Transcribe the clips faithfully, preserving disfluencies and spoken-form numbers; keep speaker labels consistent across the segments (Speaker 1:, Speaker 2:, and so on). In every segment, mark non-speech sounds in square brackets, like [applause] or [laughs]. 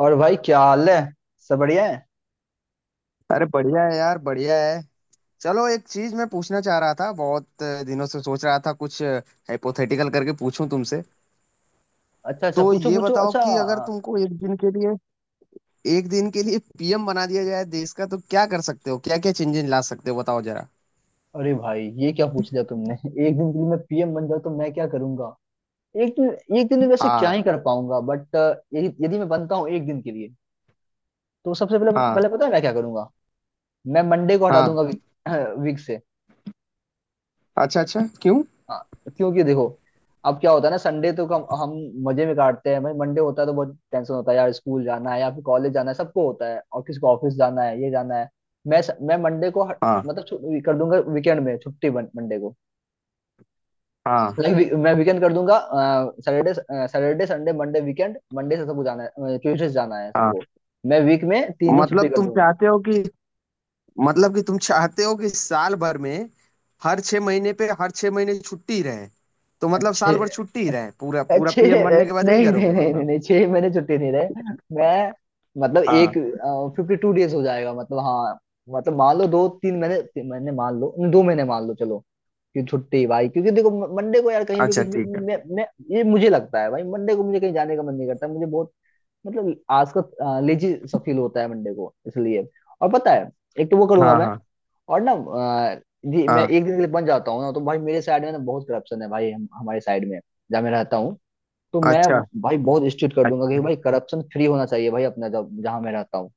Speaker 1: और भाई क्या हाल है? सब बढ़िया है।
Speaker 2: अरे, बढ़िया है यार, बढ़िया है। चलो, एक चीज मैं पूछना चाह रहा था, बहुत दिनों से सोच रहा था कुछ हाइपोथेटिकल करके पूछूं तुमसे।
Speaker 1: अच्छा अच्छा,
Speaker 2: तो
Speaker 1: पूछो
Speaker 2: ये
Speaker 1: पूछो,
Speaker 2: बताओ
Speaker 1: अच्छा।
Speaker 2: कि अगर तुमको एक दिन के लिए एक दिन के लिए पीएम बना दिया जाए देश का, तो क्या कर सकते हो, क्या क्या चेंजेस ला सकते हो, बताओ जरा।
Speaker 1: अरे भाई, ये क्या पूछ लिया तुमने? [laughs] एक दिन के लिए मैं पी एम बन जाऊँ तो मैं क्या करूंगा? एक दिन, एक दिन में वैसे क्या
Speaker 2: हाँ।
Speaker 1: ही कर पाऊंगा, बट यदि यदि मैं बनता हूँ एक दिन के लिए तो सबसे पहले,
Speaker 2: हाँ।
Speaker 1: पहले पता है मैं क्या करूंगा? मैं मंडे को हटा
Speaker 2: हाँ।
Speaker 1: दूंगा वीक [clears throat] से।
Speaker 2: अच्छा, अच्छा, क्यों?
Speaker 1: हाँ। तो क्योंकि देखो, अब क्या होता है ना, संडे तो कम हम मजे में काटते हैं भाई, मंडे होता है तो बहुत टेंशन होता है यार। स्कूल जाना है या फिर कॉलेज जाना है सबको होता है, और किसी को ऑफिस जाना है, ये जाना है। मैं मैं मंडे को हट-
Speaker 2: हाँ।
Speaker 1: मतलब छु- कर दूंगा वीकेंड में, छुट्टी मंडे को।
Speaker 2: हाँ।
Speaker 1: लाइक, मैं वीकेंड कर दूंगा। Saturday Saturday Sunday Monday weekend, Monday से सबको जाना है, ट्यूसडे से जाना है
Speaker 2: हाँ।
Speaker 1: सबको। मैं वीक में तीन दिन छुट्टी
Speaker 2: मतलब
Speaker 1: कर
Speaker 2: तुम
Speaker 1: दूंगा।
Speaker 2: चाहते हो कि, मतलब कि तुम चाहते हो कि साल भर में हर छह महीने पे, हर छह महीने छुट्टी रहे? तो मतलब
Speaker 1: अच्छे,
Speaker 2: साल भर छुट्टी ही रहे पूरा पूरा?
Speaker 1: अच्छे।
Speaker 2: पीएम बनने के बाद यही
Speaker 1: नहीं नहीं
Speaker 2: करोगे
Speaker 1: नहीं नहीं
Speaker 2: मतलब?
Speaker 1: नहीं, छह महीने छुट्टी नहीं रहे। मैं मतलब एक
Speaker 2: हाँ।
Speaker 1: फिफ्टी टू डेज हो जाएगा मतलब, हाँ। मतलब मान लो दो तीन महीने, तीन महीने मान लो, दो महीने मान लो, चलो, कि छुट्टी भाई। क्योंकि देखो मंडे को यार, कहीं भी
Speaker 2: अच्छा,
Speaker 1: कुछ भी,
Speaker 2: ठीक है।
Speaker 1: मैं मैं ये मुझे लगता है भाई, मंडे को मुझे कहीं जाने का मन नहीं करता, मुझे बहुत, मतलब आज का लेजी सा फील होता है मंडे को, इसलिए। और पता है एक तो वो करूंगा
Speaker 2: हाँ।
Speaker 1: मैं,
Speaker 2: हाँ।
Speaker 1: और ना अ, जी, मैं
Speaker 2: हाँ।
Speaker 1: एक दिन के लिए बन जाता हूँ ना, तो भाई मेरे साइड में ना बहुत करप्शन है भाई, हम, हमारे साइड में जहाँ मैं रहता हूँ। तो मैं
Speaker 2: अच्छा,
Speaker 1: भाई बहुत स्ट्रिक्ट कर दूंगा कि भाई
Speaker 2: अच्छा।
Speaker 1: करप्शन फ्री होना चाहिए भाई अपना, जब जहाँ मैं रहता हूँ,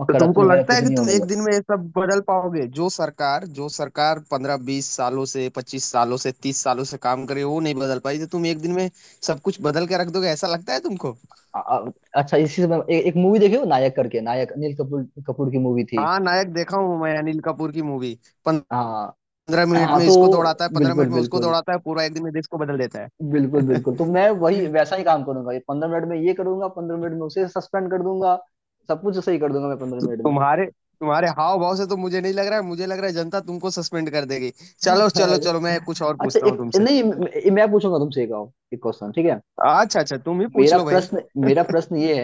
Speaker 1: और
Speaker 2: तो
Speaker 1: करप्शन
Speaker 2: तुमको
Speaker 1: वगैरह
Speaker 2: लगता है
Speaker 1: कुछ
Speaker 2: कि
Speaker 1: नहीं
Speaker 2: तुम
Speaker 1: होने
Speaker 2: एक
Speaker 1: लग।
Speaker 2: दिन में ये सब बदल पाओगे? जो सरकार जो सरकार पंद्रह बीस सालों से, पच्चीस सालों से, तीस सालों से काम करे वो नहीं बदल पाई, तो तुम एक दिन में सब कुछ बदल के रख दोगे? ऐसा लगता है तुमको?
Speaker 1: आ- आ- अच्छा, इसी से मैं ए, एक मूवी देखी हो, नायक करके, नायक अनिल कपूर कपूर की मूवी थी।
Speaker 2: हाँ, नायक देखा हूँ मैं, अनिल कपूर की मूवी।
Speaker 1: हाँ
Speaker 2: पंद्रह मिनट
Speaker 1: हाँ।
Speaker 2: में इसको
Speaker 1: तो
Speaker 2: दौड़ाता है, पंद्रह मिनट
Speaker 1: बिल्कुल
Speaker 2: में उसको
Speaker 1: बिल्कुल,
Speaker 2: दौड़ाता है, पूरा एक दिन में देश को बदल देता
Speaker 1: बिल्कुल बिल्कुल, तो मैं
Speaker 2: है।
Speaker 1: वही
Speaker 2: [laughs]
Speaker 1: वैसा ही काम करूंगा, ये पंद्रह मिनट में ये करूंगा, पंद्रह मिनट में उसे सस्पेंड कर दूंगा, सब कुछ सही कर दूंगा मैं पंद्रह
Speaker 2: तो
Speaker 1: मिनट में।
Speaker 2: तुम्हारे तुम्हारे हाव भाव से तो मुझे नहीं लग रहा है, मुझे लग रहा है जनता तुमको सस्पेंड कर देगी। चलो, चलो,
Speaker 1: अरे,
Speaker 2: चलो, मैं कुछ और
Speaker 1: अच्छा
Speaker 2: पूछता हूँ
Speaker 1: एक
Speaker 2: तुमसे।
Speaker 1: नहीं, मैं मैं पूछूंगा तुमसे एक और- एक क्वेश्चन, ठीक है?
Speaker 2: अच्छा, अच्छा, तुम ही पूछ
Speaker 1: मेरा
Speaker 2: लो भाई।
Speaker 1: प्रश्न मेरा
Speaker 2: [laughs]
Speaker 1: प्रश्न ये,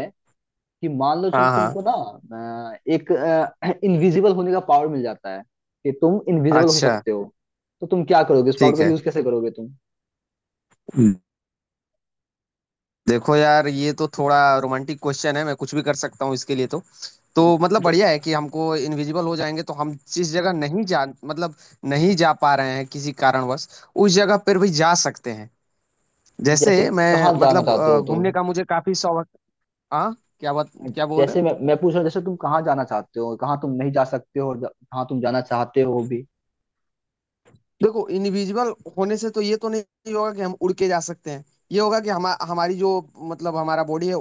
Speaker 1: कि मान लो, चलो
Speaker 2: हाँ, हाँ।
Speaker 1: तुमको ना अ, एक इनविजिबल [clears throat] होने का पावर मिल जाता है, कि तुम इनविजिबल हो
Speaker 2: अच्छा,
Speaker 1: सकते हो, तो तुम क्या करोगे? इस पावर
Speaker 2: ठीक
Speaker 1: का
Speaker 2: है।
Speaker 1: यूज कैसे करोगे तुम?
Speaker 2: देखो यार, ये तो थोड़ा रोमांटिक क्वेश्चन है, मैं कुछ भी कर सकता हूँ इसके लिए तो। तो मतलब
Speaker 1: ज-
Speaker 2: बढ़िया है कि हमको इनविजिबल हो जाएंगे तो हम जिस जगह नहीं जा, मतलब, नहीं जा पा रहे हैं किसी कारणवश, उस जगह पर भी जा सकते हैं।
Speaker 1: जैसे
Speaker 2: जैसे मैं
Speaker 1: कहाँ जाना
Speaker 2: मतलब
Speaker 1: चाहते
Speaker 2: अ,
Speaker 1: हो तुम,
Speaker 2: घूमने का मुझे काफी शौक। हाँ, क्या बात, क्या बोल रहे
Speaker 1: जैसे
Speaker 2: हो।
Speaker 1: मैं मैं पूछ रहा हूँ, जैसे तुम कहाँ जाना चाहते हो, कहाँ तुम नहीं जा सकते हो, और जा- कहाँ तुम जाना चाहते हो भी।
Speaker 2: देखो, इनविजिबल होने से तो ये तो नहीं होगा कि हम उड़ के जा सकते हैं। ये होगा कि हम, हमारी जो, मतलब हमारा बॉडी है,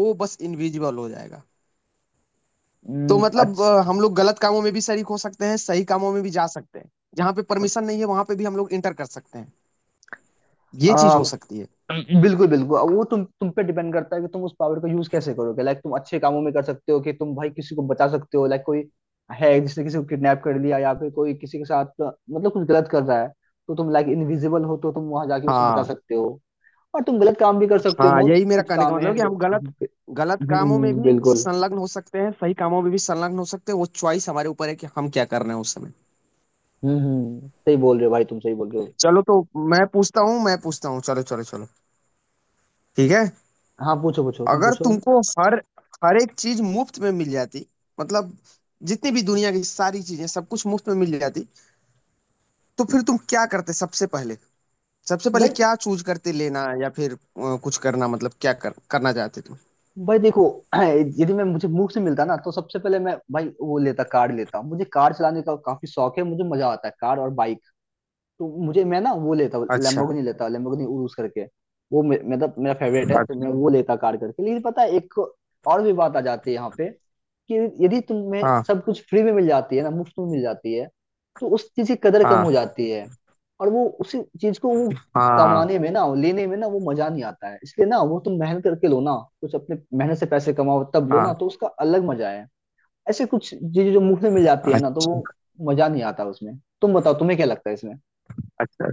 Speaker 2: वो बस इनविजिबल हो जाएगा। तो
Speaker 1: हम्म,
Speaker 2: मतलब अ, हम लोग गलत कामों में भी शरीक हो सकते हैं, सही कामों में भी जा सकते हैं। जहाँ पे
Speaker 1: अच्छा।
Speaker 2: परमिशन नहीं है वहां पे भी हम लोग इंटर कर सकते हैं। ये चीज हो सकती है।
Speaker 1: बिल्कुल बिल्कुल, अब वो तुम तुम पे डिपेंड करता है कि तुम उस पावर का यूज कैसे करोगे। लाइक, तुम अच्छे कामों में कर सकते हो, कि तुम भाई किसी को बचा सकते हो, लाइक कोई है जिसने किसी को किडनैप कर लिया, या फिर कोई किसी के साथ, मतलब कुछ गलत कर रहा है, तो तुम लाइक इनविजिबल हो तो तुम वहां जाके उसे बचा
Speaker 2: हाँ,
Speaker 1: सकते हो। और तुम गलत काम भी कर सकते हो,
Speaker 2: हाँ,
Speaker 1: बहुत
Speaker 2: यही मेरा
Speaker 1: कुछ
Speaker 2: कहने का
Speaker 1: काम
Speaker 2: मतलब है
Speaker 1: है
Speaker 2: कि
Speaker 1: जो।
Speaker 2: हम गलत, गलत कामों में
Speaker 1: हम्म,
Speaker 2: भी
Speaker 1: बिल्कुल।
Speaker 2: संलग्न हो सकते हैं, सही कामों में भी संलग्न हो सकते हैं। वो चॉइस हमारे ऊपर है कि हम क्या कर रहे हैं उस समय।
Speaker 1: हम्म हम्म, सही बोल रहे हो भाई, तुम सही बोल रहे हो।
Speaker 2: चलो, तो मैं पूछता हूँ मैं पूछता हूँ, चलो, चलो, चलो, ठीक है।
Speaker 1: हाँ, पूछो पूछो, तुम
Speaker 2: अगर
Speaker 1: पूछो अभी,
Speaker 2: तुमको हर हर एक चीज मुफ्त में मिल जाती, मतलब जितनी भी दुनिया की सारी चीजें सब कुछ मुफ्त में मिल जाती, तो फिर तुम क्या करते सबसे पहले? सबसे पहले
Speaker 1: भाई।
Speaker 2: क्या चूज करते, लेना या फिर अ, कुछ करना? मतलब क्या कर, करना चाहते तुम?
Speaker 1: भाई देखो, [clears throat] यदि मैं, मुझे मुफ्त से मिलता ना, तो सबसे पहले मैं भाई वो लेता कार, लेता। मुझे कार चलाने का काफी शौक है, मुझे मजा आता है कार, और तो मुझे, मैं ना वो लेता
Speaker 2: अच्छा,
Speaker 1: लैम्बोर्गिनी, लेता लैम्बोर्गिनी उरुस करके। वो मे- मतलब मेरा फेवरेट है, तो
Speaker 2: अच्छा।
Speaker 1: मैं वो लेता कार करके। लेकिन पता है, एक और भी बात आ जाती है यहाँ पे, कि यदि तुम्हें
Speaker 2: हाँ।
Speaker 1: सब कुछ फ्री में मिल जाती है ना, मुफ्त में मिल जाती है, तो उस चीज की कदर कम
Speaker 2: हाँ।
Speaker 1: हो जाती है। और वो उसी चीज को वो
Speaker 2: हाँ।
Speaker 1: कमाने में ना, लेने में ना, वो मजा नहीं आता है। इसलिए ना वो तुम मेहनत करके लो ना, कुछ अपने मेहनत से पैसे कमाओ तब लो ना,
Speaker 2: हाँ।
Speaker 1: तो उसका अलग मजा है। ऐसे कुछ चीजें जो मुफ्त में मिल जाती है ना, तो वो
Speaker 2: अच्छा,
Speaker 1: मजा नहीं आता उसमें। तुम बताओ तुम्हें क्या लगता है इसमें?
Speaker 2: अच्छा।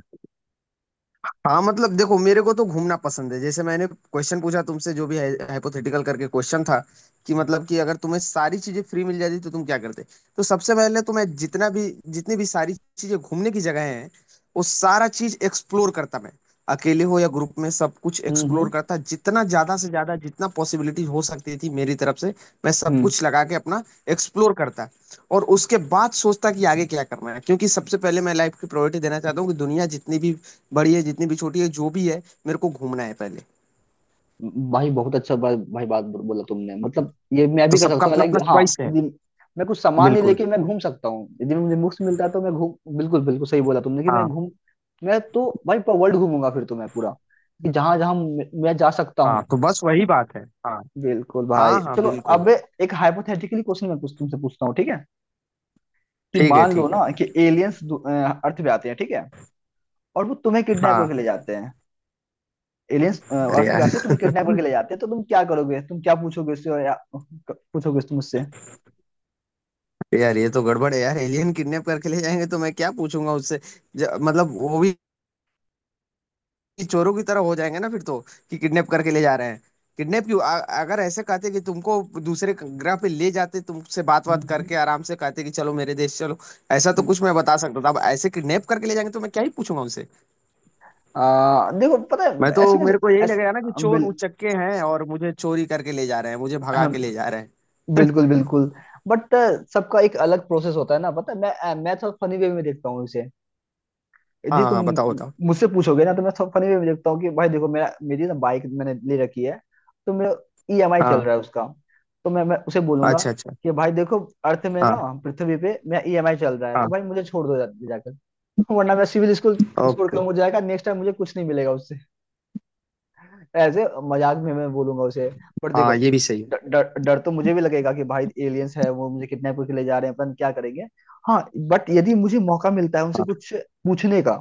Speaker 2: हाँ, मतलब देखो, मेरे को तो घूमना पसंद है। जैसे मैंने क्वेश्चन पूछा तुमसे, जो भी हाइपोथेटिकल करके क्वेश्चन था, कि मतलब कि अगर तुम्हें सारी चीजें फ्री मिल जाती तो तुम क्या करते। तो सबसे पहले तो मैं जितना भी, जितनी भी सारी चीजें घूमने की जगह हैं, वो सारा चीज एक्सप्लोर करता मैं। अकेले हो या ग्रुप में, सब कुछ
Speaker 1: हम्म
Speaker 2: एक्सप्लोर करता, जितना ज्यादा से ज्यादा, जितना पॉसिबिलिटी हो सकती थी मेरी तरफ से। मैं सब
Speaker 1: हम्म।
Speaker 2: कुछ लगा के अपना एक्सप्लोर करता। और उसके बाद सोचता कि आगे क्या करना है, क्योंकि सबसे पहले मैं लाइफ की प्रायोरिटी देना चाहता हूँ कि दुनिया जितनी भी बड़ी है, जितनी भी छोटी है, जो भी है, मेरे को घूमना है पहले।
Speaker 1: भाई बहुत अच्छा, भाई, भाई बात बो- बोला तुमने, मतलब ये मैं
Speaker 2: तो
Speaker 1: भी कर
Speaker 2: सबका
Speaker 1: सकता हूँ
Speaker 2: अपना
Speaker 1: लाइक।
Speaker 2: अपना
Speaker 1: हाँ,
Speaker 2: चॉइस है।
Speaker 1: यदि मैं कुछ सामान नहीं
Speaker 2: बिल्कुल।
Speaker 1: लेके मैं घूम सकता हूँ, यदि मुझे मुफ्त मिलता है तो मैं घूम, बिल्कुल बिल्कुल, सही बोला तुमने, कि मैं
Speaker 2: हाँ,
Speaker 1: घूम, मैं तो भाई पूरा वर्ल्ड घूमूंगा, फिर तो मैं पूरा, कि जहां जहां मैं मैं जा सकता
Speaker 2: हाँ,
Speaker 1: हूँ।
Speaker 2: तो बस वही बात है। हाँ।
Speaker 1: बिल्कुल भाई,
Speaker 2: हाँ। हाँ।
Speaker 1: चलो।
Speaker 2: बिल्कुल।
Speaker 1: अब एक हाइपोथेटिकली क्वेश्चन मैं कुछ तुमसे पूछता हूँ, ठीक है? कि
Speaker 2: ठीक है,
Speaker 1: मान लो
Speaker 2: ठीक है।
Speaker 1: ना कि एलियंस अर्थ पे आते हैं, ठीक है, और वो तुम्हें किडनैप करके
Speaker 2: हाँ।
Speaker 1: ले जाते हैं। एलियंस
Speaker 2: अरे
Speaker 1: अर्थ पे
Speaker 2: यार,
Speaker 1: आते हैं, तुम्हें किडनैप करके ले जाते हैं, तो तुम क्या करोगे? तुम क्या पूछोगे उससे, और या पूछोगे तुम उससे?
Speaker 2: यार ये तो गड़बड़ है यार। एलियन किडनैप करके ले जाएंगे तो मैं क्या पूछूंगा उससे? ज- मतलब वो भी चोरों की तरह हो जाएंगे ना फिर तो। कि किडनैप करके ले जा रहे हैं। किडनैप क्यों? अ- अगर ऐसे कहते कि तुमको दूसरे ग्रह पे ले जाते, तुमसे बात
Speaker 1: हम्म
Speaker 2: बात
Speaker 1: हम्म।
Speaker 2: करके आराम से कहते कि चलो मेरे देश चलो, ऐसा तो
Speaker 1: हम्म।
Speaker 2: कुछ मैं बता सकता था। अब ऐसे किडनैप करके ले जाएंगे तो मैं क्या ही पूछूंगा उनसे।
Speaker 1: आ, देखो, पता है,
Speaker 2: मैं तो,
Speaker 1: ऐसे में,
Speaker 2: मेरे को यही
Speaker 1: ऐसे,
Speaker 2: लगेगा ना कि चोर
Speaker 1: बिल,
Speaker 2: उचक्के हैं और मुझे चोरी करके ले जा रहे हैं, मुझे भगा के
Speaker 1: हम,
Speaker 2: ले जा रहे हैं।
Speaker 1: बिल्कुल बिल्कुल, बट सबका एक अलग प्रोसेस होता है ना। पता है मैं मैं थोड़ा फनी वे में देखता हूँ इसे।
Speaker 2: हाँ,
Speaker 1: जी, तुम
Speaker 2: हाँ, बताओ, बताओ।
Speaker 1: मुझसे पूछोगे ना तो मैं सब फनी वे में देखता हूँ कि भाई देखो, मेरा मेरी ना बाइक मैंने ले रखी है, तो मेरा ई एम आई चल
Speaker 2: हाँ।
Speaker 1: रहा है उसका, तो मैं मैं उसे बोलूंगा
Speaker 2: अच्छा, अच्छा।
Speaker 1: कि भाई देखो, अर्थ में
Speaker 2: हाँ,
Speaker 1: ना, पृथ्वी पे मेरा ई एम आई चल रहा है, तो
Speaker 2: हाँ।
Speaker 1: भाई मुझे छोड़ दो जा, जाकर, वरना मेरा सिविल स्कोर, स्कोर
Speaker 2: ओके।
Speaker 1: कम हो जाएगा, नेक्स्ट टाइम मुझे कुछ नहीं मिलेगा उससे। ऐसे मजाक में मैं बोलूंगा उसे। पर देखो,
Speaker 2: हाँ, ये भी सही है।
Speaker 1: ड- डर डर तो मुझे भी लगेगा कि भाई एलियंस है, वो मुझे किडनैप करके ले जा रहे हैं, अपन क्या करेंगे। हाँ, बट यदि मुझे मौका मिलता है उनसे
Speaker 2: हाँ,
Speaker 1: कुछ पूछने का,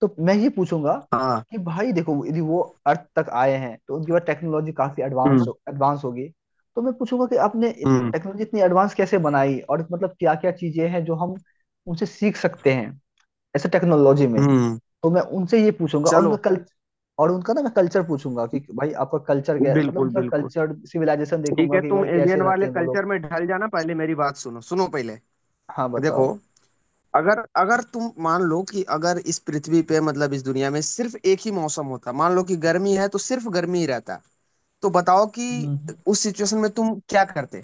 Speaker 1: तो मैं ये पूछूंगा
Speaker 2: हाँ।
Speaker 1: कि भाई देखो, यदि वो अर्थ तक आए हैं तो उनके पास टेक्नोलॉजी काफी एडवांस
Speaker 2: हम्म,
Speaker 1: हो एडवांस होगी। तो मैं पूछूंगा कि आपने
Speaker 2: हम्म,
Speaker 1: टेक्नोलॉजी इतनी एडवांस कैसे बनाई, और मतलब क्या क्या चीजें हैं जो हम उनसे सीख सकते हैं ऐसे टेक्नोलॉजी में।
Speaker 2: हम्म।
Speaker 1: तो मैं उनसे ये पूछूंगा, और उनका
Speaker 2: चलो।
Speaker 1: कल और उनका ना मैं कल्चर पूछूंगा, कि भाई आपका कल्चर क्या, मतलब
Speaker 2: बिल्कुल,
Speaker 1: उनका
Speaker 2: बिल्कुल।
Speaker 1: कल्चर सिविलाइजेशन
Speaker 2: ठीक
Speaker 1: देखूंगा
Speaker 2: है,
Speaker 1: कि
Speaker 2: तुम
Speaker 1: भाई कैसे
Speaker 2: एलियन
Speaker 1: रहते
Speaker 2: वाले
Speaker 1: हैं वो लोग।
Speaker 2: कल्चर में ढल जाना। पहले मेरी बात सुनो, सुनो पहले।
Speaker 1: हाँ,
Speaker 2: देखो,
Speaker 1: बताओ।
Speaker 2: अगर अगर तुम मान लो कि अगर इस पृथ्वी पे, मतलब इस दुनिया में, सिर्फ एक ही मौसम होता, मान लो कि गर्मी है तो सिर्फ गर्मी ही रहता, तो बताओ कि
Speaker 1: हम्म।
Speaker 2: उस सिचुएशन में तुम क्या करते,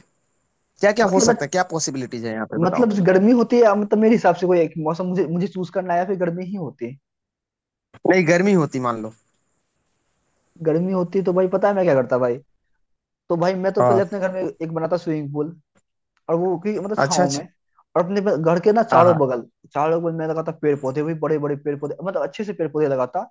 Speaker 2: क्या क्या हो सकता है,
Speaker 1: मतलब
Speaker 2: क्या पॉसिबिलिटीज है यहाँ पे, बताओ।
Speaker 1: मतलब गर्मी होती है या, मतलब मेरे हिसाब से कोई एक मौसम मुझे मुझे चूज करना है, या फिर गर्मी ही होती है?
Speaker 2: नहीं, गर्मी होती मान लो।
Speaker 1: गर्मी होती तो भाई पता है मैं क्या करता भाई? तो भाई मैं तो
Speaker 2: हाँ।
Speaker 1: पहले अपने घर में एक बनाता स्विमिंग पूल, और वो कि मतलब
Speaker 2: अच्छा,
Speaker 1: छाँव
Speaker 2: अच्छा।
Speaker 1: में, और अपने पे- घर के ना
Speaker 2: हाँ,
Speaker 1: चारों
Speaker 2: हाँ।
Speaker 1: बगल, चारों बगल मैं लगाता पेड़ पौधे भी, बड़े बड़े पेड़ पौधे, मतलब अच्छे से पेड़ पौधे लगाता,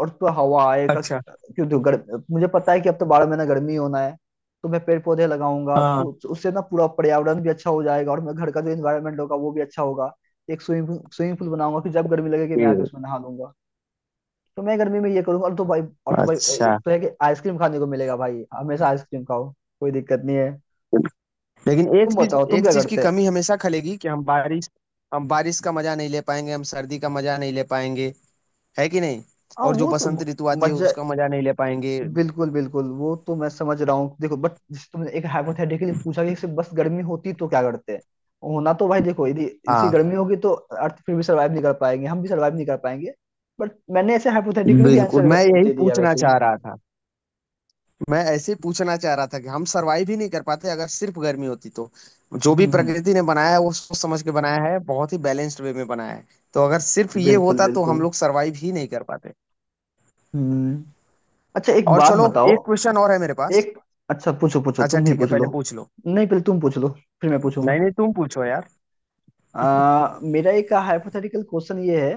Speaker 1: और तो हवा आए का
Speaker 2: अच्छा।
Speaker 1: क्यों। तो गर्म, मुझे पता है कि अब तो बारह महीना गर्मी होना है, तो मैं पेड़ पौधे लगाऊंगा,
Speaker 2: हाँ।
Speaker 1: तो उससे ना पूरा पर्यावरण भी अच्छा हो जाएगा, और मैं घर का जो इन्वायरमेंट होगा वो भी अच्छा होगा। एक स्विमिंग स्विमिंग पूल बनाऊंगा कि जब गर्मी लगेगी मैं आके
Speaker 2: हम्म।
Speaker 1: उसमें नहा लूंगा। तो मैं गर्मी में ये करूंगा, और तो भाई, और तो भाई
Speaker 2: अच्छा।
Speaker 1: एक तो है कि आइसक्रीम खाने को मिलेगा भाई, हमेशा आइसक्रीम खाओ, कोई दिक्कत नहीं है।
Speaker 2: लेकिन एक
Speaker 1: तुम
Speaker 2: चीज
Speaker 1: बताओ तुम
Speaker 2: एक
Speaker 1: क्या
Speaker 2: चीज की
Speaker 1: करते हैं।
Speaker 2: कमी हमेशा खलेगी कि हम बारिश, हम बारिश का मजा नहीं ले पाएंगे, हम सर्दी का मजा नहीं ले पाएंगे, है कि नहीं?
Speaker 1: हाँ
Speaker 2: और जो
Speaker 1: वो तो
Speaker 2: बसंत ऋतु आती है
Speaker 1: मजा,
Speaker 2: उसका मजा नहीं ले पाएंगे।
Speaker 1: बिल्कुल बिल्कुल, वो तो मैं समझ रहा हूँ देखो, बट जिस तुमने एक हाइपोथेटिकली पूछा कि सिर्फ बस गर्मी होती तो क्या करते हैं होना, तो भाई देखो यदि इसी
Speaker 2: हाँ,
Speaker 1: गर्मी होगी, तो अर्थ फिर भी सरवाइव नहीं कर पाएंगे, हम भी सरवाइव नहीं कर पाएंगे। बट मैंने ऐसे हाइपोथेटिकली भी
Speaker 2: बिल्कुल
Speaker 1: आंसर
Speaker 2: मैं यही
Speaker 1: दे दिया
Speaker 2: पूछना
Speaker 1: वैसे ही।
Speaker 2: चाह रहा था। मैं ऐसे ही पूछना चाह रहा था कि हम सरवाइव ही नहीं कर पाते अगर सिर्फ गर्मी होती तो। जो भी
Speaker 1: हम्म हम्म,
Speaker 2: प्रकृति ने बनाया है वो सोच समझ के बनाया है, बहुत ही बैलेंस्ड वे में बनाया है। तो अगर सिर्फ ये
Speaker 1: बिल्कुल
Speaker 2: होता तो हम
Speaker 1: बिल्कुल।
Speaker 2: लोग सरवाइव ही नहीं कर पाते।
Speaker 1: हम्म, अच्छा एक
Speaker 2: और
Speaker 1: बात
Speaker 2: चलो,
Speaker 1: बताओ।
Speaker 2: एक क्वेश्चन और है मेरे पास।
Speaker 1: एक, अच्छा, पूछो पूछो,
Speaker 2: अच्छा,
Speaker 1: तुम ही
Speaker 2: ठीक है,
Speaker 1: पूछ
Speaker 2: पहले
Speaker 1: लो।
Speaker 2: पूछ लो।
Speaker 1: नहीं पहले तुम पूछ लो, फिर मैं
Speaker 2: नहीं,
Speaker 1: पूछूंगा।
Speaker 2: नहीं, तुम पूछो यार।
Speaker 1: आ, मेरा एक हाइपोथेटिकल क्वेश्चन ये है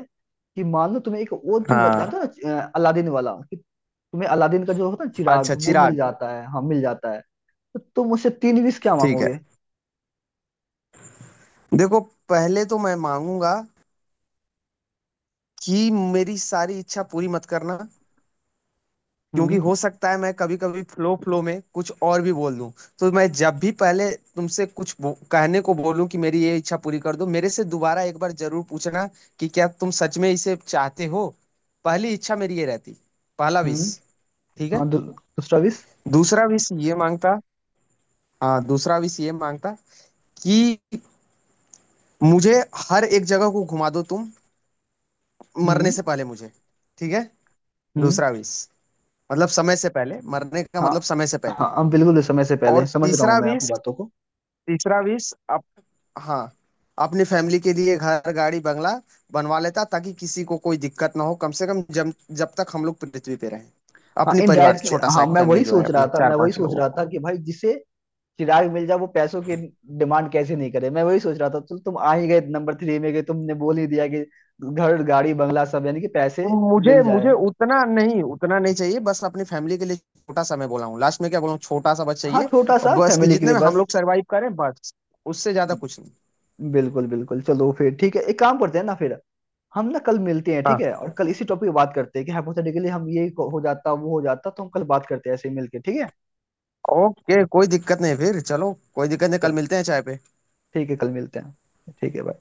Speaker 1: कि मान लो तुम्हें एक वो, तुम जा-
Speaker 2: हाँ।
Speaker 1: जानते हो ना अ, अलादीन वाला, कि तुम्हें अलादीन का जो होता है ना चिराग,
Speaker 2: अच्छा,
Speaker 1: वो मिल
Speaker 2: चिराग।
Speaker 1: जाता है, हाँ मिल जाता है, तो तुम मुझसे तीन विश क्या
Speaker 2: ठीक है,
Speaker 1: मांगोगे?
Speaker 2: देखो, पहले तो मैं मांगूंगा कि मेरी सारी इच्छा पूरी मत करना, क्योंकि
Speaker 1: हम्म।
Speaker 2: हो सकता है मैं कभी कभी फ्लो फ्लो में कुछ और भी बोल दूं। तो मैं जब भी पहले तुमसे कुछ बो- कहने को बोलूं कि मेरी ये इच्छा पूरी कर दो, मेरे से दोबारा एक बार जरूर पूछना कि क्या तुम सच में इसे चाहते हो। पहली इच्छा मेरी ये रहती, पहला
Speaker 1: हम्म।
Speaker 2: विश। ठीक है।
Speaker 1: हाँ, दू, दूसरा विश।
Speaker 2: दूसरा विश ये मांगता। हाँ, दूसरा विश ये मांगता कि मुझे हर एक जगह को घुमा दो तुम, मरने
Speaker 1: हम्म।
Speaker 2: से पहले मुझे। ठीक है,
Speaker 1: हम्म।
Speaker 2: दूसरा विश, मतलब समय से पहले मरने का
Speaker 1: हाँ
Speaker 2: मतलब, समय से
Speaker 1: हाँ,
Speaker 2: पहले।
Speaker 1: हम बिल्कुल, इस समय से पहले
Speaker 2: और
Speaker 1: समझ रहा
Speaker 2: तीसरा
Speaker 1: हूँ मैं आपकी
Speaker 2: विश,
Speaker 1: बातों को।
Speaker 2: तीसरा विश हाँ, अपनी फैमिली के लिए घर, गाड़ी, बंगला बनवा लेता ताकि किसी को कोई दिक्कत ना हो, कम से कम जब जब तक हम लोग पृथ्वी पे रहें,
Speaker 1: हाँ
Speaker 2: अपनी परिवार
Speaker 1: इनडायरेक्टली,
Speaker 2: छोटा सा
Speaker 1: हाँ,
Speaker 2: एक
Speaker 1: मैं
Speaker 2: फैमिली
Speaker 1: वही
Speaker 2: जो है
Speaker 1: सोच
Speaker 2: अपना,
Speaker 1: रहा था
Speaker 2: चार
Speaker 1: मैं वही
Speaker 2: पांच
Speaker 1: सोच
Speaker 2: लोगों
Speaker 1: रहा
Speaker 2: का।
Speaker 1: था कि भाई जिसे चिराग मिर्जा, वो पैसों की डिमांड कैसे नहीं करे, मैं वही सोच रहा था, तो तुम आ ही गए नंबर थ्री में, गए तुमने बोल ही दिया कि घर गाड़ी बंगला सब, यानी कि
Speaker 2: तो
Speaker 1: पैसे
Speaker 2: मुझे
Speaker 1: मिल
Speaker 2: मुझे
Speaker 1: जाए।
Speaker 2: उतना नहीं, उतना नहीं चाहिए, बस अपनी फैमिली के लिए छोटा सा। मैं बोला हूँ लास्ट में क्या बोला हूँ, छोटा सा बस
Speaker 1: हाँ,
Speaker 2: चाहिए।
Speaker 1: छोटा
Speaker 2: और
Speaker 1: सा
Speaker 2: बस कि
Speaker 1: फैमिली के
Speaker 2: जितने
Speaker 1: लिए,
Speaker 2: में हम
Speaker 1: बस।
Speaker 2: लोग सरवाइव करें बस, उससे ज्यादा कुछ नहीं।
Speaker 1: बिल्कुल बिल्कुल, चलो फिर ठीक है, एक काम करते हैं ना फिर, हम ना कल मिलते हैं, ठीक
Speaker 2: हाँ,
Speaker 1: है, और कल इसी टॉपिक पे बात करते हैं कि हाइपोथेटिकली हम ये हो जाता वो हो जाता, तो हम कल बात करते हैं ऐसे ही मिलके, ठीक है।
Speaker 2: ओके, कोई दिक्कत नहीं, फिर चलो, कोई दिक्कत नहीं, कल
Speaker 1: चलो,
Speaker 2: मिलते हैं चाय पे।
Speaker 1: ठीक है, कल मिलते हैं, ठीक है।